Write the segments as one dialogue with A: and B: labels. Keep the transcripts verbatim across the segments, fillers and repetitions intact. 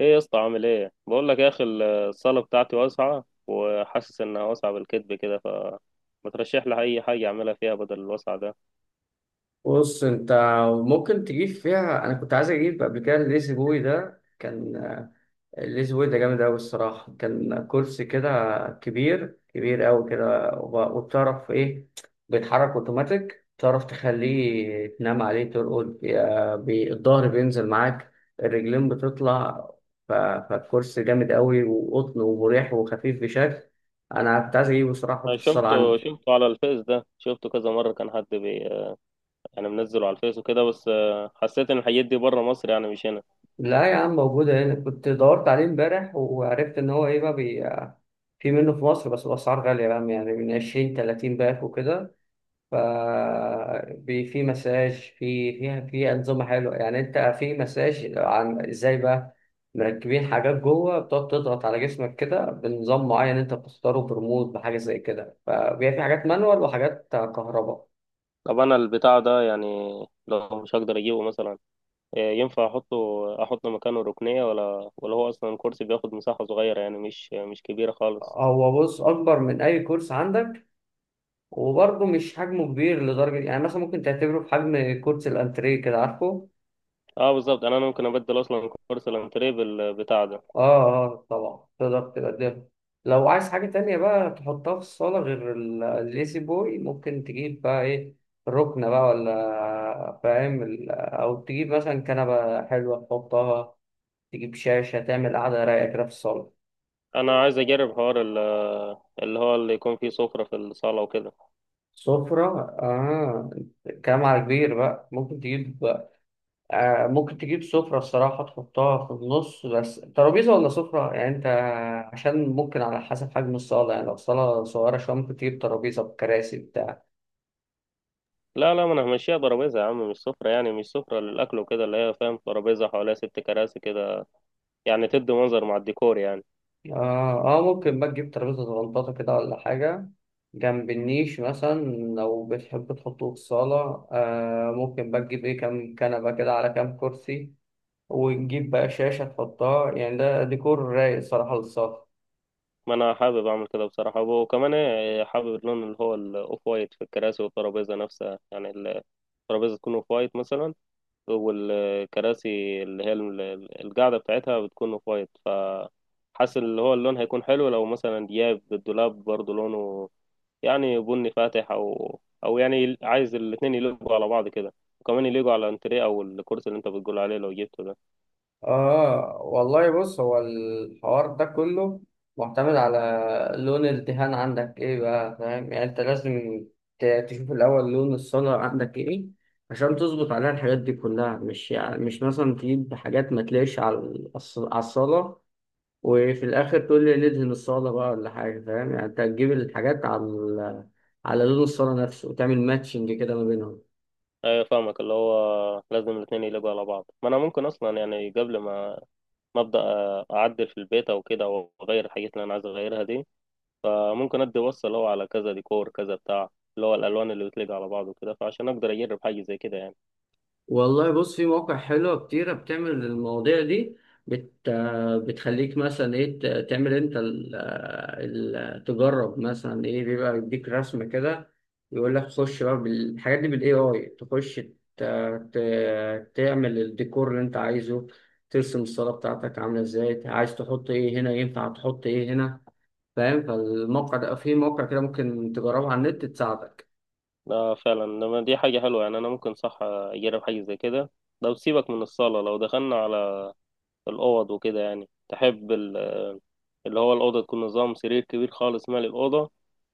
A: ايه يا اسطى؟ عامل ايه؟ بقول لك يا اخي الصاله بتاعتي واسعه وحاسس انها واسعه بالكذب كده. ف ما ترشح لي اي حاجه اعملها فيها بدل الوسع ده.
B: بص انت، ممكن تجيب فيها. انا كنت عايز اجيب قبل كده الليزي بوي ده كان الليزي بوي ده جامد قوي الصراحه، كان كرسي كده كبير كبير قوي كده، وب- وبتعرف ايه، بيتحرك اوتوماتيك، تعرف تخليه تنام عليه ترقد، يا- بي- الظهر بينزل معاك، الرجلين بتطلع. ف- فالكرسي جامد قوي وقطن ومريح وخفيف بشكل. انا كنت عايز اجيبه الصراحه، احطه في
A: انا
B: الصاله
A: شفته
B: عندي.
A: شفته على الفيس، ده شفته كذا مره، كان حد بي يعني منزله على الفيس وكده. بس آه، حسيت ان الحاجات دي بره مصر يعني، مش هنا.
B: لا يا عم، موجودة هنا. كنت دورت عليه امبارح وعرفت إن هو إيه بقى، بي... في منه في مصر، بس الأسعار غالية بقى، يعني من عشرين تلاتين باك وكده. ف بي- في مساج، في فيها في أنظمة حلوة، يعني أنت في مساج عن إزاي بقى مركبين حاجات جوه بتقعد تضغط على جسمك كده بنظام معين أنت بتختاره بريموت بحاجة زي كده، فبيبقى في حاجات مانوال وحاجات كهرباء.
A: طب انا البتاع ده يعني لو مش هقدر اجيبه مثلا، آه، ينفع احطه، احط مكانه ركنيه؟ ولا ولا هو اصلا الكرسي بياخد مساحه صغيره يعني، مش مش كبيره خالص.
B: هو بص، أكبر من أي كورس عندك، وبرضه مش حجمه كبير لدرجة، يعني مثلا ممكن تعتبره في حجم كرسي الأنتريه كده، عارفه؟
A: اه بالظبط، انا أنا ممكن ابدل اصلا كرسي الانتريه بالبتاع ده.
B: آه آه، طبعا تقدر تقدمه. لو عايز حاجة تانية بقى تحطها في الصالة غير ال- الليسي بوي، ممكن تجيب بقى إيه، ركنة بقى، ولا فاهم ال- أو تجيب مثلا كنبة حلوة تحطها، تجيب شاشة تعمل قعدة رايقة كده في الصالة.
A: انا عايز اجرب حوار ال- اللي هو اللي يكون فيه سفرة في الصالة وكده.
B: سفرة آه، كلام على كبير بقى ممكن تجيب. آه، ممكن تجيب سفرة الصراحة تحطها في النص، بس ترابيزة ولا سفرة، يعني أنت عشان ممكن على حسب حجم الصالة، يعني لو صالة صغيرة شوية ممكن تجيب ترابيزة بكراسي بتاع.
A: لا لا ما انا همشيها ترابيزة يا عم، مش سفرة، يعني مش سفرة للاكل وكده، اللي هي فاهم ترابيزة حواليها ست كراسي كده، يعني تدي منظر مع الديكور يعني.
B: آه، آه ممكن بقى تجيب ترابيزة صغنطاطة كده ولا حاجة، جنب النيش مثلا. لو بتحب تحطه في الصالة، آه ممكن بقى تجيب إيه، كام كنبة كده على كام كرسي، وتجيب بقى شاشة تحطها، يعني ده ديكور رايق الصراحة للصالة.
A: ما انا حابب اعمل كده بصراحة، وكمان إيه، حابب اللون اللي هو الاوف وايت في الكراسي والترابيزة نفسها، يعني الترابيزة تكون اوف وايت مثلا، والكراسي اللي هي ال- القاعدة بتاعتها بتكون اوف وايت. ف حاسس اللي هو اللون هيكون حلو لو مثلا دياب الدولاب برضه لونه يعني بني فاتح، او او يعني عايز الاتنين يلقوا على بعض كده، وكمان يلقوا على الانتريه او الكرسي اللي انت بتقول عليه لو جبته ده.
B: آه والله بص، هو الحوار ده كله معتمد على لون الدهان عندك إيه بقى، فاهم؟ يعني أنت لازم ت- تشوف الأول لون الصنع عندك إيه، عشان تظبط عليها الحاجات دي كلها، مش يعني مش مثلا تجيب حاجات ما تلاقيش على الص- على الصالة، وفي الآخر تقول لي ندهن الصالة بقى ولا حاجة. فاهم؟ يعني أنت هتجيب الحاجات على ال- على لون الصالة نفسه، وتعمل ماتشنج كده ما بينهم.
A: ايوه فاهمك، اللي هو لازم الاتنين يلقوا على بعض. ما انا ممكن اصلا يعني قبل ما ما ابدا اعدل في البيت او كده، او اغير الحاجات اللي انا عايز اغيرها دي، فممكن ادي وصل اللي هو على كذا ديكور كذا بتاع، اللي هو الالوان اللي بتليق على بعض وكده، فعشان اقدر اجرب حاجه زي كده يعني.
B: والله بص، في مواقع حلوة كتيرة بتعمل المواضيع دي، بت... بتخليك مثلا ايه ت- تعمل انت ال... ال... تجرب مثلا ايه، بيبقى يديك رسمة كده، يقول لك خش بقى بالحاجات دي بالاي اي، تخش ت... ت... تعمل الديكور اللي انت عايزه، ترسم الصالة بتاعتك عاملة ازاي، عايز تحط ايه هنا، ينفع تحط ايه هنا، فاهم؟ فالموقع ده، في موقع كده ممكن تجربه على النت، تساعدك.
A: ده فعلا لما دي حاجه حلوه يعني، انا ممكن صح اجرب حاجه زي كده. لو سيبك من الصاله، لو دخلنا على الأوض وكده، يعني تحب ال- اللي هو الأوضة تكون نظام سرير كبير خالص مالي الأوضة،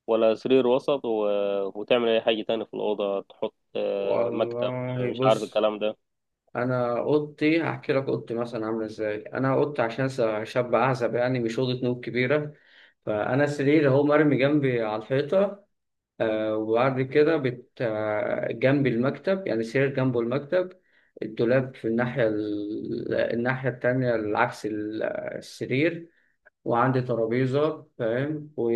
A: ولا سرير وسط و... وتعمل أي حاجة تاني في الأوضة تحط آه، مكتب؟
B: والله
A: مش عارف
B: بص،
A: الكلام ده.
B: انا اوضتي هحكي لك اوضتي مثلا عامله ازاي. انا اوضتي عشان س- شاب اعزب، يعني مش اوضه نوم كبيره. فانا سرير اهو مرمي جنبي على الحيطه، آه، وبعد كده بت آه، جنبي المكتب، يعني سرير جنبه المكتب. الدولاب في الناحيه ال... الناحيه التانية العكس ال- السرير، وعندي ترابيزه، فاهم، و...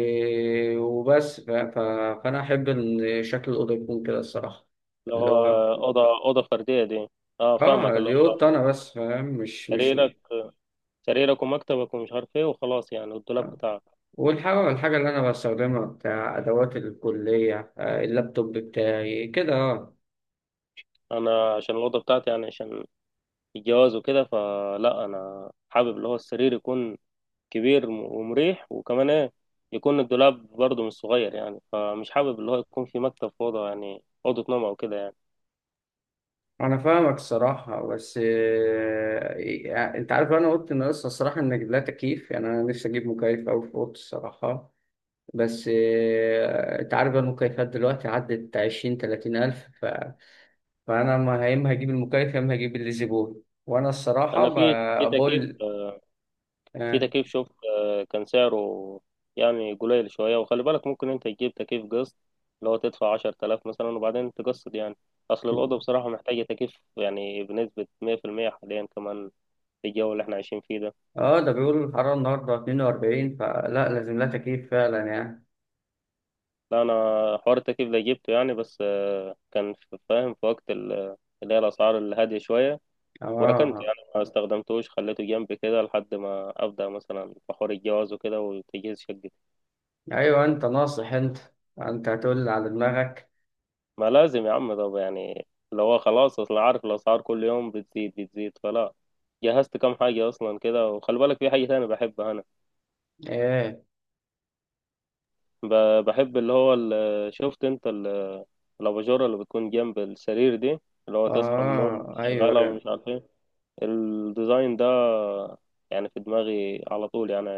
B: وبس. ف... ف... فانا احب ان شكل الاوضه يكون كده الصراحه.
A: اللي
B: اللي
A: هو
B: هو
A: أوضة أوضة فردية دي؟ اه فاهمك،
B: اه،
A: اللي
B: دي اوضه
A: هو
B: انا بس، فاهم، مش مش
A: سريرك، سريرك ومكتبك ومش عارف ايه وخلاص يعني، والدولاب
B: آه.
A: بتاعك.
B: والحاجة الحاجة اللي أنا بستخدمها بتاع أدوات الكلية، آه، اللابتوب بتاعي كده، أه.
A: أنا عشان الأوضة بتاعتي يعني عشان الجواز وكده، فلا أنا حابب اللي هو السرير يكون كبير ومريح، وكمان ايه، يكون الدولاب برضه مش صغير يعني، فمش حابب اللي هو يكون في مكتب في اوضه، يعني اوضه نوم او كده يعني.
B: أنا فاهمك الصراحة، بس آه، يعني أنت عارف أنا قلت إن لسه الصراحة إن لا تكييف، يعني أنا نفسي أجيب مكيف أوي في أوضتي الصراحة. بس آه، أنت عارف بقى، المكيفات دلوقتي عدت عشرين تلاتين ألف. ف... فأنا ما يا إما هجيب المكيف يا إما هجيب الليزي بول، وأنا الصراحة
A: انا في في
B: ب-
A: تكييف،
B: بقول.
A: في
B: آه.
A: تكييف شوف، آه، كان سعره يعني قليل شويه. وخلي بالك ممكن انت تجيب تكييف قسط، اللي هو تدفع عشر تلاف مثلا وبعدين تقسط يعني. اصل الاوضه بصراحه محتاجه تكييف يعني بنسبه مية في المية حاليا، كمان في الجو اللي احنا عايشين فيه ده.
B: اه، ده بيقول الحرارة النهاردة اثنين وأربعين، فلا لازم لها تكييف فعلا يعني.
A: لا انا حوار التكييف ده جبته يعني، بس آه، كان في- فاهم في وقت ال- اللي هي الاسعار الهاديه شويه، وركنته
B: اه
A: يعني ما استخدمتوش، خليته جنبي كده لحد ما أبدأ مثلا في حوار الجواز وكده وتجهيز شقتي.
B: ايوه، انت ناصح انت انت هتقول على دماغك.
A: ما لازم يا عم، طب يعني اللي هو خلاص، أصل عارف الأسعار كل يوم بتزيد بتزيد، فلا جهزت كام حاجة أصلا كده. وخلي بالك في حاجة تانية بحبها أنا.
B: ايه؟
A: ب- بحب اللي هو ال- شفت أنت ال- الأباجورة اللي بتكون جنب السرير دي، اللي هو تصحى من النوم
B: اه ايوه
A: شغالة
B: ايوه.
A: ومش عارف إيه. الديزاين ده يعني في دماغي على طول يعني.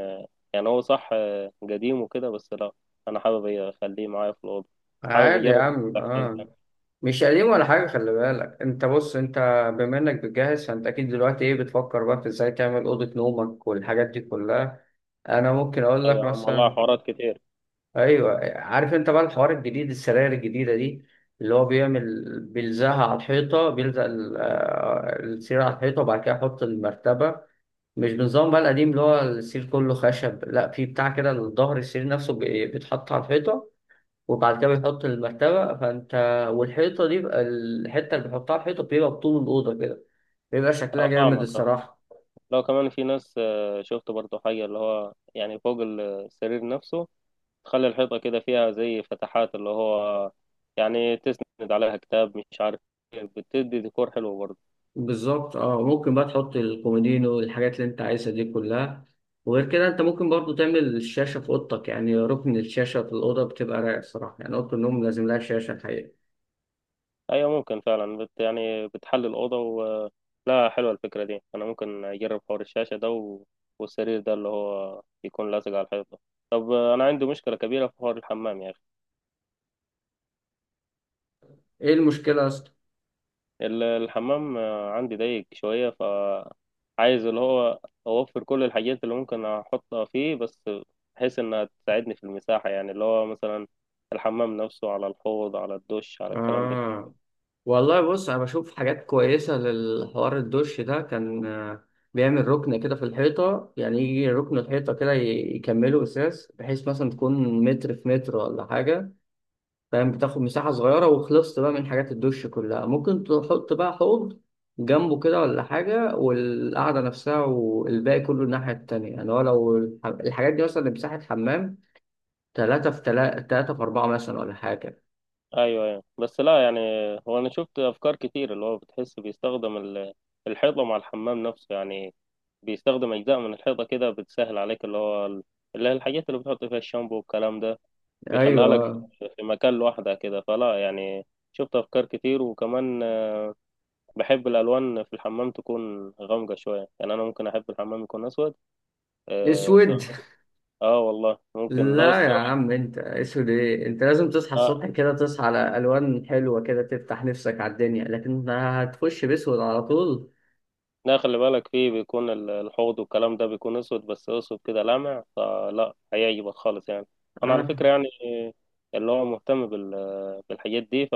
A: يعني هو صح آه، قديم وكده، بس لا انا حابب اخليه معايا في الاوضه، حابب
B: عادي يا
A: اجرب
B: عم،
A: الاحساس
B: اه.
A: ده.
B: مش قديم ولا حاجة. خلي بالك، انت بص انت، بما انك بتجهز، فانت اكيد دلوقتي ايه بتفكر بقى في ازاي تعمل اوضة نومك والحاجات دي كلها. انا ممكن اقول لك
A: ايوه يا عم والله
B: مثلا.
A: حوارات كتير.
B: ايوه، عارف انت بقى الحوار الجديد، السراير الجديدة دي اللي هو بيعمل بيلزقها على الحيطة، بيلزق ال- آه، السرير على الحيطة، وبعد كده يحط المرتبة، مش بنظام بقى القديم اللي هو السرير كله خشب، لا، في بتاع كده، الظهر السرير نفسه بي- بيتحط على الحيطة، وبعد كده بيحط المرتبة. فانت والحيطة دي بقى، الحتة اللي بيحطها على الحيطة بيبقى بطول الأوضة كده، بيبقى شكلها
A: اه
B: جامد
A: فاهمك اه.
B: الصراحة.
A: لو كمان في ناس آه، شفت برضو حاجه اللي هو يعني فوق السرير نفسه تخلي الحيطه كده فيها زي فتحات، اللي هو يعني تسند عليها كتاب مش عارف إيه، بتدي ديكور حلو برضو.
B: بالظبط اه، ممكن بقى تحط الكومودينو والحاجات اللي انت عايزها دي كلها. وغير كده، انت ممكن برضو تعمل الشاشة في اوضتك، يعني ركن الشاشة في الأوضة بتبقى رايق الصراحة، يعني أوضة النوم لازم لها شاشة الحقيقة.
A: ايوه ممكن فعلا بت يعني بتحل الاوضه و... لا حلوه الفكره دي. انا ممكن اجرب حوار الشاشه ده و... والسرير ده اللي هو يكون لازق على الحيطه ده. طب انا عندي مشكله كبيره في حوار الحمام يا اخي.
B: ايه المشكلة يا اسطى؟
A: ال- الحمام آه، عندي ضيق شويه، ف عايز اللي هو اوفر كل الحاجات اللي ممكن احطها فيه، بس بحيث انها تساعدني في المساحه، يعني اللي هو مثلا الحمام نفسه، على الحوض، على الدش، على الكلام ده.
B: اه والله بص، انا بشوف حاجات كويسة للحوار الدش ده، كان آه، بيعمل ركن كده في الحيطة، يعني يجي ركن الحيطة كده ي- يكمله أساس، بحيث مثلا تكون متر في متر ولا حاجة، فاهم، بتاخد مساحة صغيرة، وخلصت بقى من حاجات الدش كلها. ممكن تحط بقى حوض جنبه كده ولا حاجة، والقعدة نفسها والباقي كله الناحية التانية، يعني هو لو الح- الحاجات دي مثلا مساحة حمام تلاتة في تلاتة، تلاتة في أربعة مثلا ولا حاجة.
A: ايوه ايوه بس لا يعني، هو انا شفت افكار كتير اللي هو بتحس بيستخدم ال- الحيطه مع الحمام نفسه يعني، بيستخدم اجزاء من الحيطه كده بتسهل عليك اللي هو ال- اللي هي الحاجات اللي بتحط فيها الشامبو والكلام ده، بيخليها لك
B: أيوه،
A: في مكان لوحدها كده. فلا يعني شفت افكار كتير، وكمان آه، بحب الالوان في الحمام تكون غامقه شويه، يعني انا ممكن احب الحمام يكون اسود. آه,
B: أسود؟
A: سيراميك. اه والله ممكن لو
B: لا يا
A: السيراميك
B: عم، أنت أسود إيه؟ أنت لازم تصحى الصبح
A: آه،
B: كده، تصحى على ألوان حلوة كده، تفتح نفسك على الدنيا، لكن هتخش بأسود على طول؟
A: لا خلي بالك فيه بيكون ال- الحوض والكلام ده بيكون اسود، بس اسود كده لامع، فلا هيعجبك خالص يعني. انا على
B: آه.
A: فكرة يعني اللي هو مهتم بال- بالحاجات دي،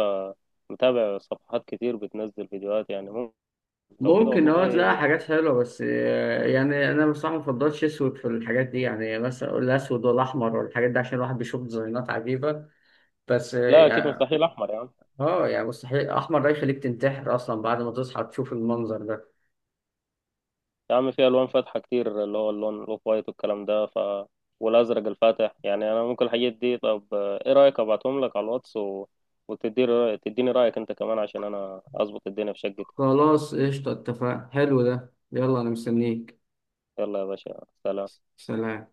A: فمتابع صفحات كتير بتنزل فيديوهات يعني ممكن. لو كده
B: ممكن اه تلاقي
A: والله،
B: حاجات حلوة، بس آه، يعني أنا بصراحة مفضلش أسود في الحاجات دي، يعني مثلا أقول الأسود ولا أحمر ولا الحاجات دي، عشان الواحد بيشوف ديزاينات عجيبة. بس اه
A: لا اكيد
B: يعني
A: مستحيل احمر يا عم.
B: آه، يعني مستحيل أحمر، ده يخليك تنتحر أصلا بعد ما تصحى تشوف المنظر ده.
A: يا عم في الوان فاتحة كتير اللي هو اللون الاوف وايت والكلام ده، ف والازرق الفاتح يعني انا ممكن الحاجات دي. طب ايه رايك ابعتهم لك على الواتس و... وتديني رايك تديني رايك انت كمان عشان انا اظبط الدنيا في شقتي.
B: خلاص قشطة، اتفقنا، حلو ده، يلا أنا مستنيك.
A: يلا يا باشا، سلام.
B: سلام.